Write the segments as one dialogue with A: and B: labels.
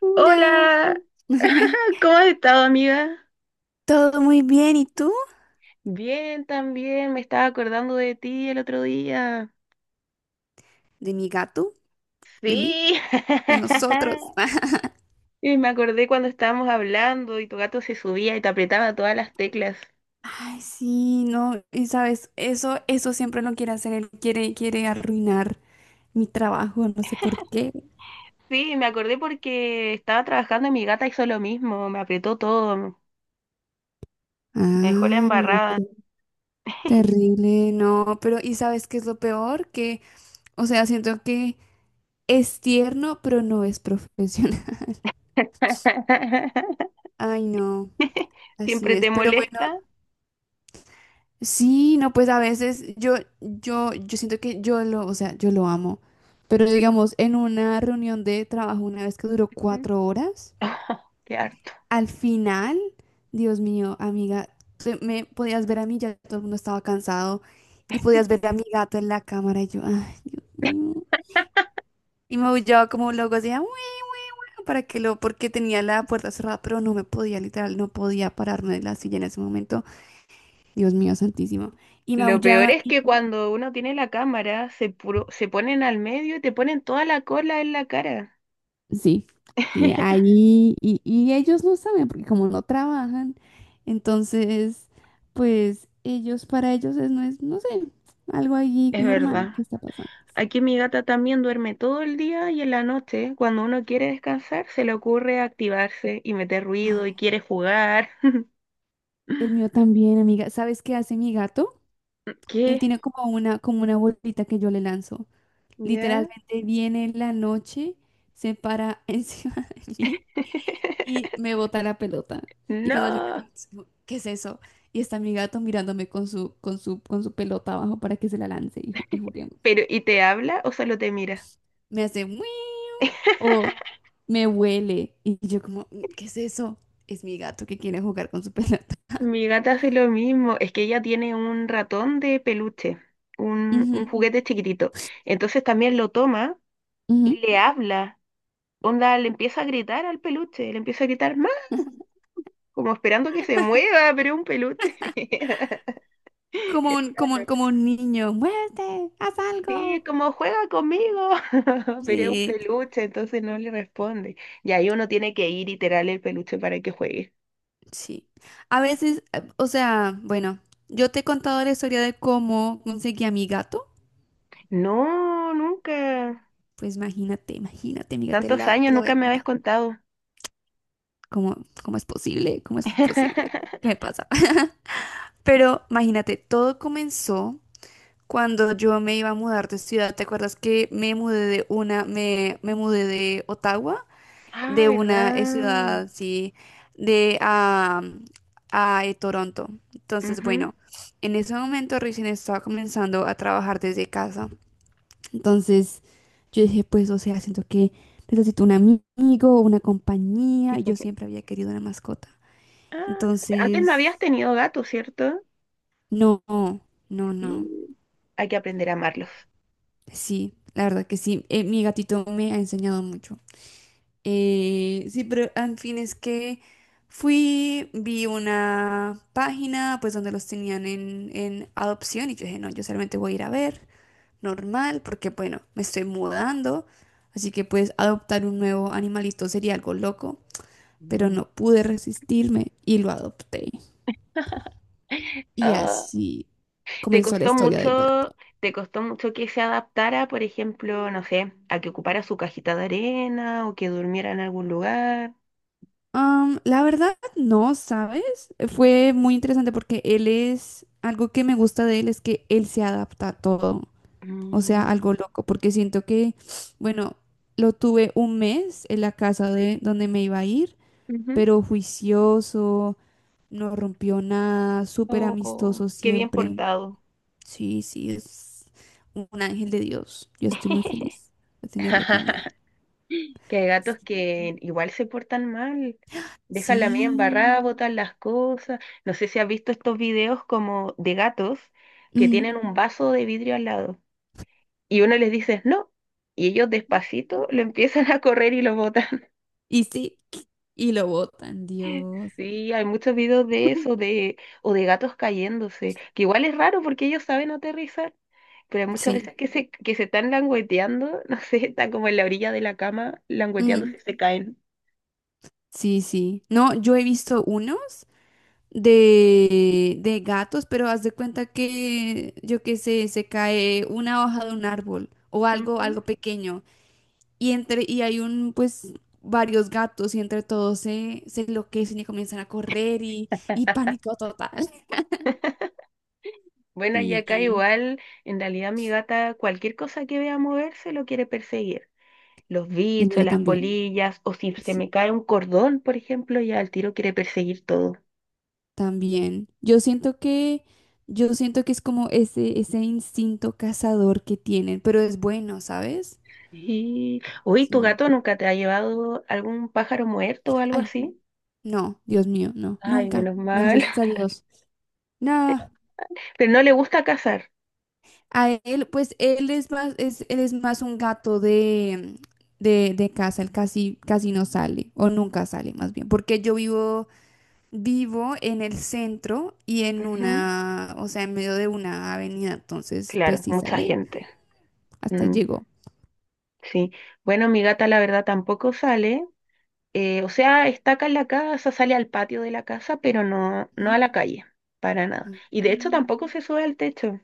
A: Hola.
B: Hola, ¿cómo has estado, amiga?
A: Todo muy bien, ¿y tú?
B: Bien, también, me estaba acordando de ti el otro día.
A: ¿De mi gato? ¿De mí?
B: Sí.
A: ¿De nosotros?
B: Y me acordé cuando estábamos hablando y tu gato se subía y te apretaba todas las teclas.
A: Ay, sí, no, y sabes, eso siempre lo quiere hacer, él quiere arruinar mi trabajo, no sé por qué.
B: Sí, me acordé porque estaba trabajando y mi gata hizo lo mismo, me apretó todo, me dejó la
A: Ay, no,
B: embarrada.
A: terrible, no, pero ¿y sabes qué es lo peor? Que, o sea, siento que es tierno, pero no es profesional. Ay, no, así
B: ¿Siempre
A: es,
B: te
A: pero bueno.
B: molesta?
A: Sí, no, pues a veces yo siento que o sea, yo lo amo. Pero digamos, en una reunión de trabajo, una vez que duró
B: Mm.
A: 4 horas,
B: Qué harto.
A: al final, Dios mío, amiga, me podías ver a mí, ya todo el mundo estaba cansado, y podías ver a mi gato en la cámara, y yo, ay, Dios mío. Y me aullaba como loco, decía, bueno, porque tenía la puerta cerrada, pero literal, no podía pararme de la silla en ese momento. Dios mío, santísimo. Y
B: Lo peor
A: maullaba.
B: es que cuando uno tiene la cámara, se ponen al medio y te ponen toda la cola en la cara.
A: Sí, sí, ahí, y ellos no saben, porque como no trabajan, entonces, para ellos es, no sé, algo ahí
B: Es
A: normal
B: verdad.
A: que está pasando.
B: Aquí mi gata también duerme todo el día y en la noche, cuando uno quiere descansar, se le ocurre activarse y meter
A: Ah,
B: ruido y quiere jugar.
A: el mío también, amiga. ¿Sabes qué hace mi gato? Él
B: ¿Qué?
A: tiene como una, bolita que yo le lanzo.
B: ¿Ya?
A: Literalmente viene en la noche, se para encima de mí y me bota la pelota. Y cuando yo me
B: No.
A: lanzo, digo, ¿qué es eso? Y está mi gato mirándome con su pelota abajo para que se la lance y juguemos.
B: Pero, ¿y te habla o solo te mira?
A: Me hace muy o me huele. Y yo como, "Mm, ¿qué es eso? Es mi gato que quiere jugar con su pelota."
B: Mi gata hace lo mismo, es que ella tiene un ratón de peluche, un
A: Ujú,
B: juguete chiquitito. Entonces también lo toma y
A: ujú.
B: le habla. Onda, le empieza a gritar al peluche, le empieza a gritar más, como esperando que se mueva, pero es un peluche.
A: Como un,
B: Está
A: como, un-
B: loca.
A: como un niño, muévete, haz
B: Sí,
A: algo.
B: como juega conmigo, pero es un
A: Sí,
B: peluche, entonces no le responde. Y ahí uno tiene que ir y tirarle el peluche para que juegue.
A: sí. A veces, o sea, bueno, yo te he contado la historia de cómo conseguí a mi gato.
B: No, nunca.
A: Pues imagínate, imagínate, amiga, te
B: Tantos
A: la, te
B: años,
A: la voy a
B: nunca me habías
A: contar.
B: contado.
A: ¿Cómo, cómo es posible? ¿Cómo es posible? ¿Qué me pasa? Pero imagínate, todo comenzó cuando yo me iba a mudar de ciudad. ¿Te acuerdas que me mudé de Ottawa,
B: Ah,
A: de una
B: ¿verdad?
A: ciudad, sí, de a, a Toronto? Entonces,
B: Ujú.
A: bueno, en ese momento recién estaba comenzando a trabajar desde casa. Entonces yo dije, pues, o sea, siento que necesito un amigo, una compañía, y yo siempre había querido una mascota.
B: Ah, antes no
A: Entonces,
B: habías tenido gatos, ¿cierto?
A: no, no, no.
B: Sí. Hay que aprender a amarlos.
A: Sí, la verdad que sí. Mi gatito me ha enseñado mucho. Sí, pero en fin, es que fui, vi una página, pues, donde los tenían en, adopción y yo dije, no, yo solamente voy a ir a ver, normal, porque bueno, me estoy mudando, así que pues adoptar un nuevo animalito sería algo loco, pero
B: Mm.
A: no pude resistirme y lo adopté. Y
B: Ah,
A: así
B: ¿te
A: comenzó la
B: costó
A: historia del
B: mucho,
A: gato.
B: te costó mucho que se adaptara, por ejemplo, no sé, a que ocupara su cajita de arena o que durmiera en algún lugar?
A: La verdad, no, ¿sabes? Fue muy interesante porque algo que me gusta de él es que él se adapta a todo, o sea,
B: Mm,
A: algo loco, porque siento que, bueno, lo tuve un mes en la casa de donde me iba a ir,
B: ujú.
A: pero juicioso. No rompió nada, súper
B: Oh,
A: amistoso
B: qué bien
A: siempre.
B: portado.
A: Sí, sí, es un ángel de Dios. Yo estoy muy feliz de tenerlo conmigo.
B: Que hay gatos que igual se portan mal. Dejan la media
A: Sí.
B: embarrada, botan las cosas. No sé si has visto estos videos como de gatos que
A: Mm.
B: tienen un vaso de vidrio al lado. Y uno les dice no. Y ellos despacito lo empiezan a correr y lo botan.
A: Y sí, y lo botan, Dios.
B: Sí, hay muchos videos de eso, de, o de gatos cayéndose, que igual es raro porque ellos saben aterrizar, pero hay muchas
A: Sí.
B: veces que se están langueteando, no sé, están como en la orilla de la cama
A: Mm.
B: langueteándose y se caen.
A: Sí, sí. No, yo he visto unos de gatos, pero haz de cuenta que, yo qué sé, se cae una hoja de un árbol o algo,
B: Ujú.
A: algo pequeño. Y hay pues, varios gatos, y entre todos se enloquecen y comienzan a correr y pánico total.
B: Bueno, y acá
A: Y
B: igual, en realidad mi gata, cualquier cosa que vea moverse lo quiere perseguir. Los
A: el
B: bichos,
A: mío
B: las
A: también.
B: polillas, o si se
A: Sí,
B: me cae un cordón, por ejemplo, ya al tiro quiere perseguir todo.
A: también. Yo siento que es como ese, instinto cazador que tienen, pero es bueno, ¿sabes?
B: Y, uy, ¿tu
A: Sí.
B: gato nunca te ha llevado algún pájaro muerto o algo
A: Ay,
B: así?
A: no, Dios mío, no,
B: Ay,
A: nunca.
B: menos mal.
A: Gracias a Dios. No.
B: Pero no le gusta cazar.
A: A él, pues él es más un gato de casa, él casi, casi no sale, o nunca sale más bien, porque yo vivo en el centro y en
B: Ujú.
A: una, o sea, en medio de una avenida, entonces, pues
B: Claro,
A: sí
B: mucha
A: sale,
B: gente.
A: hasta ahí
B: Mm,
A: llegó.
B: sí. Bueno, mi gata la verdad tampoco sale. O sea, está acá en la casa, sale al patio de la casa, pero no, no a la calle, para nada. Y de hecho
A: Mm,
B: tampoco se sube al techo.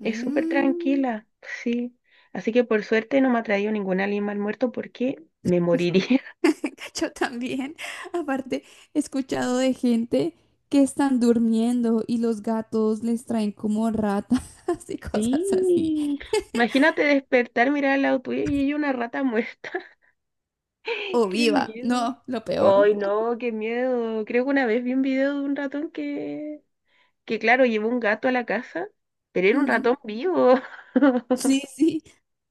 B: Es súper
A: mm.
B: tranquila, sí. Así que por suerte no me ha traído ningún animal muerto porque me moriría.
A: Yo también, aparte, he escuchado de gente que están durmiendo y los gatos les traen como ratas y cosas así.
B: Sí. Imagínate despertar, mirar al lado tuyo y hay una rata muerta.
A: O
B: Qué
A: viva.
B: miedo.
A: No, lo peor.
B: Ay, no, qué miedo. Creo que una vez vi un video de un ratón que claro, llevó un gato a la casa, pero era un
A: Ujú.
B: ratón vivo.
A: Sí, sí.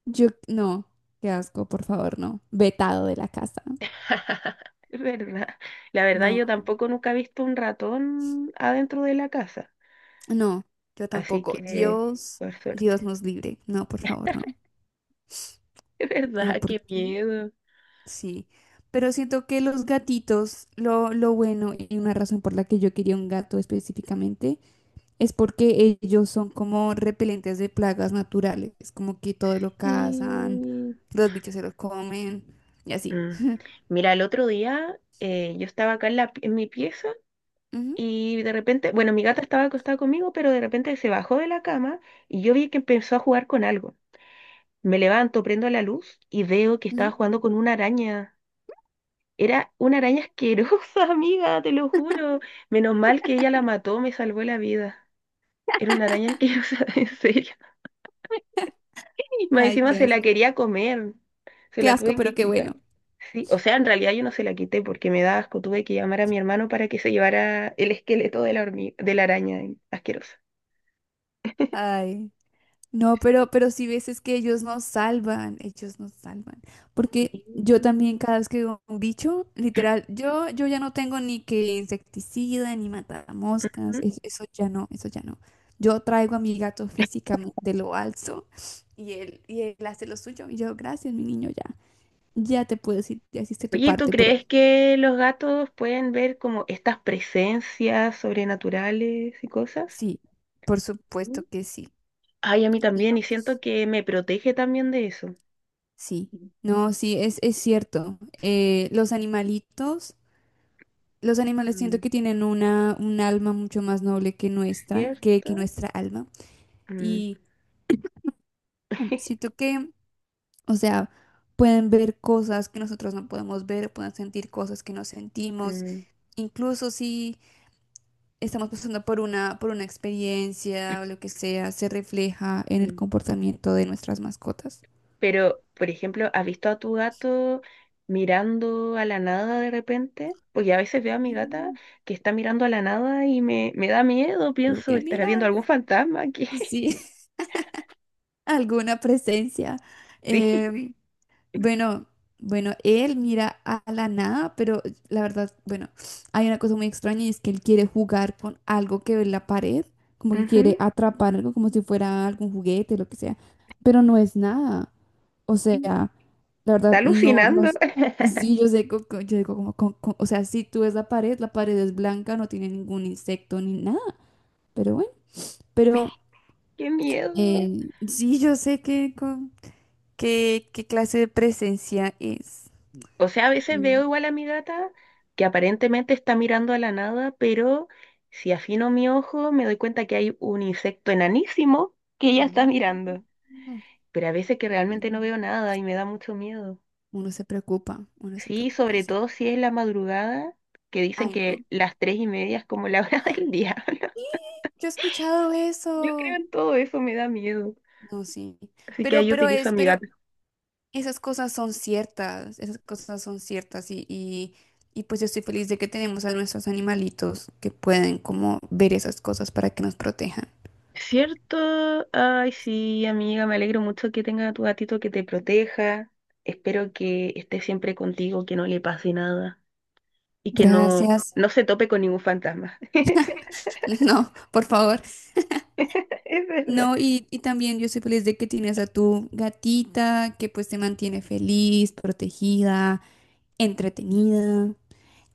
A: Yo, no, qué asco, por favor, no. Vetado de la casa.
B: Es verdad. La verdad,
A: No,
B: yo tampoco nunca he visto un ratón adentro de la casa.
A: no, yo
B: Así
A: tampoco.
B: que,
A: Dios,
B: por
A: Dios
B: suerte.
A: nos libre. No, por favor, no.
B: Es
A: No,
B: verdad,
A: porque
B: qué miedo.
A: sí. Pero siento que los gatitos, lo bueno y una razón por la que yo quería un gato específicamente, es porque ellos son como repelentes de plagas naturales. Es como que todo lo cazan,
B: Y...
A: los bichos se los comen y así.
B: mm. Mira, el otro día yo estaba acá en, en mi pieza. Y de repente, bueno, mi gata estaba acostada conmigo, pero de repente se bajó de la cama y yo vi que empezó a jugar con algo. Me levanto, prendo la luz y veo que estaba
A: Ujú.
B: jugando con una araña. Era una araña asquerosa, amiga, te lo juro. Menos mal que ella la mató, me salvó la vida. Era una araña asquerosa, en serio. Y más
A: Ay,
B: encima
A: qué
B: se la
A: asco.
B: quería comer. Se
A: Qué
B: la
A: asco,
B: tuve
A: pero
B: que
A: qué bueno.
B: quitar. Sí, o sea, en realidad yo no se la quité porque me da asco. Tuve que llamar a mi hermano para que se llevara el esqueleto de la hormiga, de la araña asquerosa.
A: Ay, no, pero sí ves es que ellos nos salvan, ellos nos salvan.
B: Sí.
A: Porque yo también cada vez que veo un bicho, literal, yo ya no tengo ni que insecticida, ni matamoscas,
B: Mm.
A: eso ya no, eso ya no. Yo traigo a mi gato físicamente, lo alzo y él hace lo suyo. Y yo, gracias, mi niño, ya te puedo decir, ya hiciste tu
B: Oye, ¿tú
A: parte, pero
B: crees que los gatos pueden ver como estas presencias sobrenaturales y cosas?
A: sí, por
B: Mm.
A: supuesto que sí.
B: Ay, a mí también, y siento que me protege también de eso.
A: Sí, no, sí, es cierto. Los animalitos, los animales siento
B: Mm,
A: que tienen una, un alma mucho más noble que
B: ¿cierto?
A: nuestra alma.
B: Mm,
A: Y siento que, o sea, pueden ver cosas que nosotros no podemos ver, pueden sentir cosas que no sentimos.
B: mm,
A: Incluso si estamos pasando por una experiencia o lo que sea, se refleja en el
B: mm.
A: comportamiento de nuestras mascotas.
B: Pero, por ejemplo, ¿has visto a tu gato mirando a la nada de repente? Porque a veces veo a mi gata
A: Mm.
B: que está mirando a la nada y me da miedo,
A: Pero
B: pienso,
A: que
B: ¿estará
A: mira,
B: viendo algún fantasma aquí?
A: sí. Alguna presencia.
B: Sí.
A: Em, bueno, bueno, él mira a la nada, pero la verdad, bueno, hay una cosa muy extraña y es que él quiere jugar con algo que ve en la pared, como que
B: Ujú.
A: quiere atrapar algo como si fuera algún juguete, lo que sea, pero no es nada. O sea, la
B: Está
A: verdad, no, no.
B: alucinando.
A: Sí, yo sé, yo digo como, o sea, si tú ves la pared es blanca, no tiene ningún insecto ni nada, pero bueno, pero
B: Qué miedo.
A: eh, sí, yo sé que, qué clase de presencia es?
B: O sea, a veces
A: Mm.
B: veo igual a mi gata que aparentemente está mirando a la nada, pero si afino mi ojo me doy cuenta que hay un insecto enanísimo que ella está
A: Ujú.
B: mirando.
A: Mm.
B: Pero a veces que
A: Ujú.
B: realmente no veo nada y me da mucho miedo.
A: Uno se
B: Sí,
A: preocupa,
B: sobre
A: sí.
B: todo si es la madrugada, que dicen
A: Ay, no.
B: que las 3:30 es como la hora del diablo.
A: Yo he escuchado
B: Yo
A: eso.
B: creo en todo eso, me da miedo.
A: No, sí.
B: Así que
A: Pero,
B: ahí
A: pero
B: utilizo a
A: es,
B: mi
A: pero
B: gata.
A: esas cosas son ciertas, esas cosas son ciertas y pues yo estoy feliz de que tenemos a nuestros animalitos que pueden como ver esas cosas para que nos protejan.
B: ¿Cierto? Ay, sí, amiga, me alegro mucho que tenga a tu gatito que te proteja. Espero que esté siempre contigo, que no le pase nada y que no,
A: Gracias.
B: no se tope con ningún fantasma.
A: No, por favor.
B: Es verdad.
A: No, y también yo soy feliz de que tienes a tu gatita que pues te mantiene feliz, protegida, entretenida.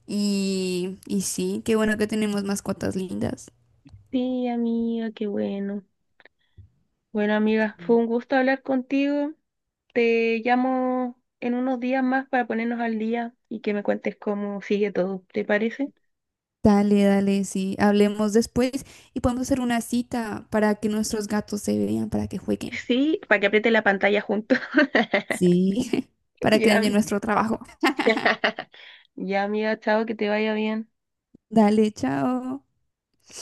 A: Y sí, qué bueno que tenemos mascotas lindas.
B: Sí, amiga, qué bueno. Bueno, amiga, fue un gusto hablar contigo. Te llamo en unos días más para ponernos al día y que me cuentes cómo sigue todo, ¿te parece?
A: Dale, dale, sí. Hablemos después y podemos hacer una cita para que nuestros gatos se vean, para que jueguen.
B: Sí, para que apriete la pantalla juntos.
A: Sí, para que dañen
B: Ya.
A: nuestro trabajo.
B: Ya, amiga, chao, que te vaya bien.
A: Dale, chao.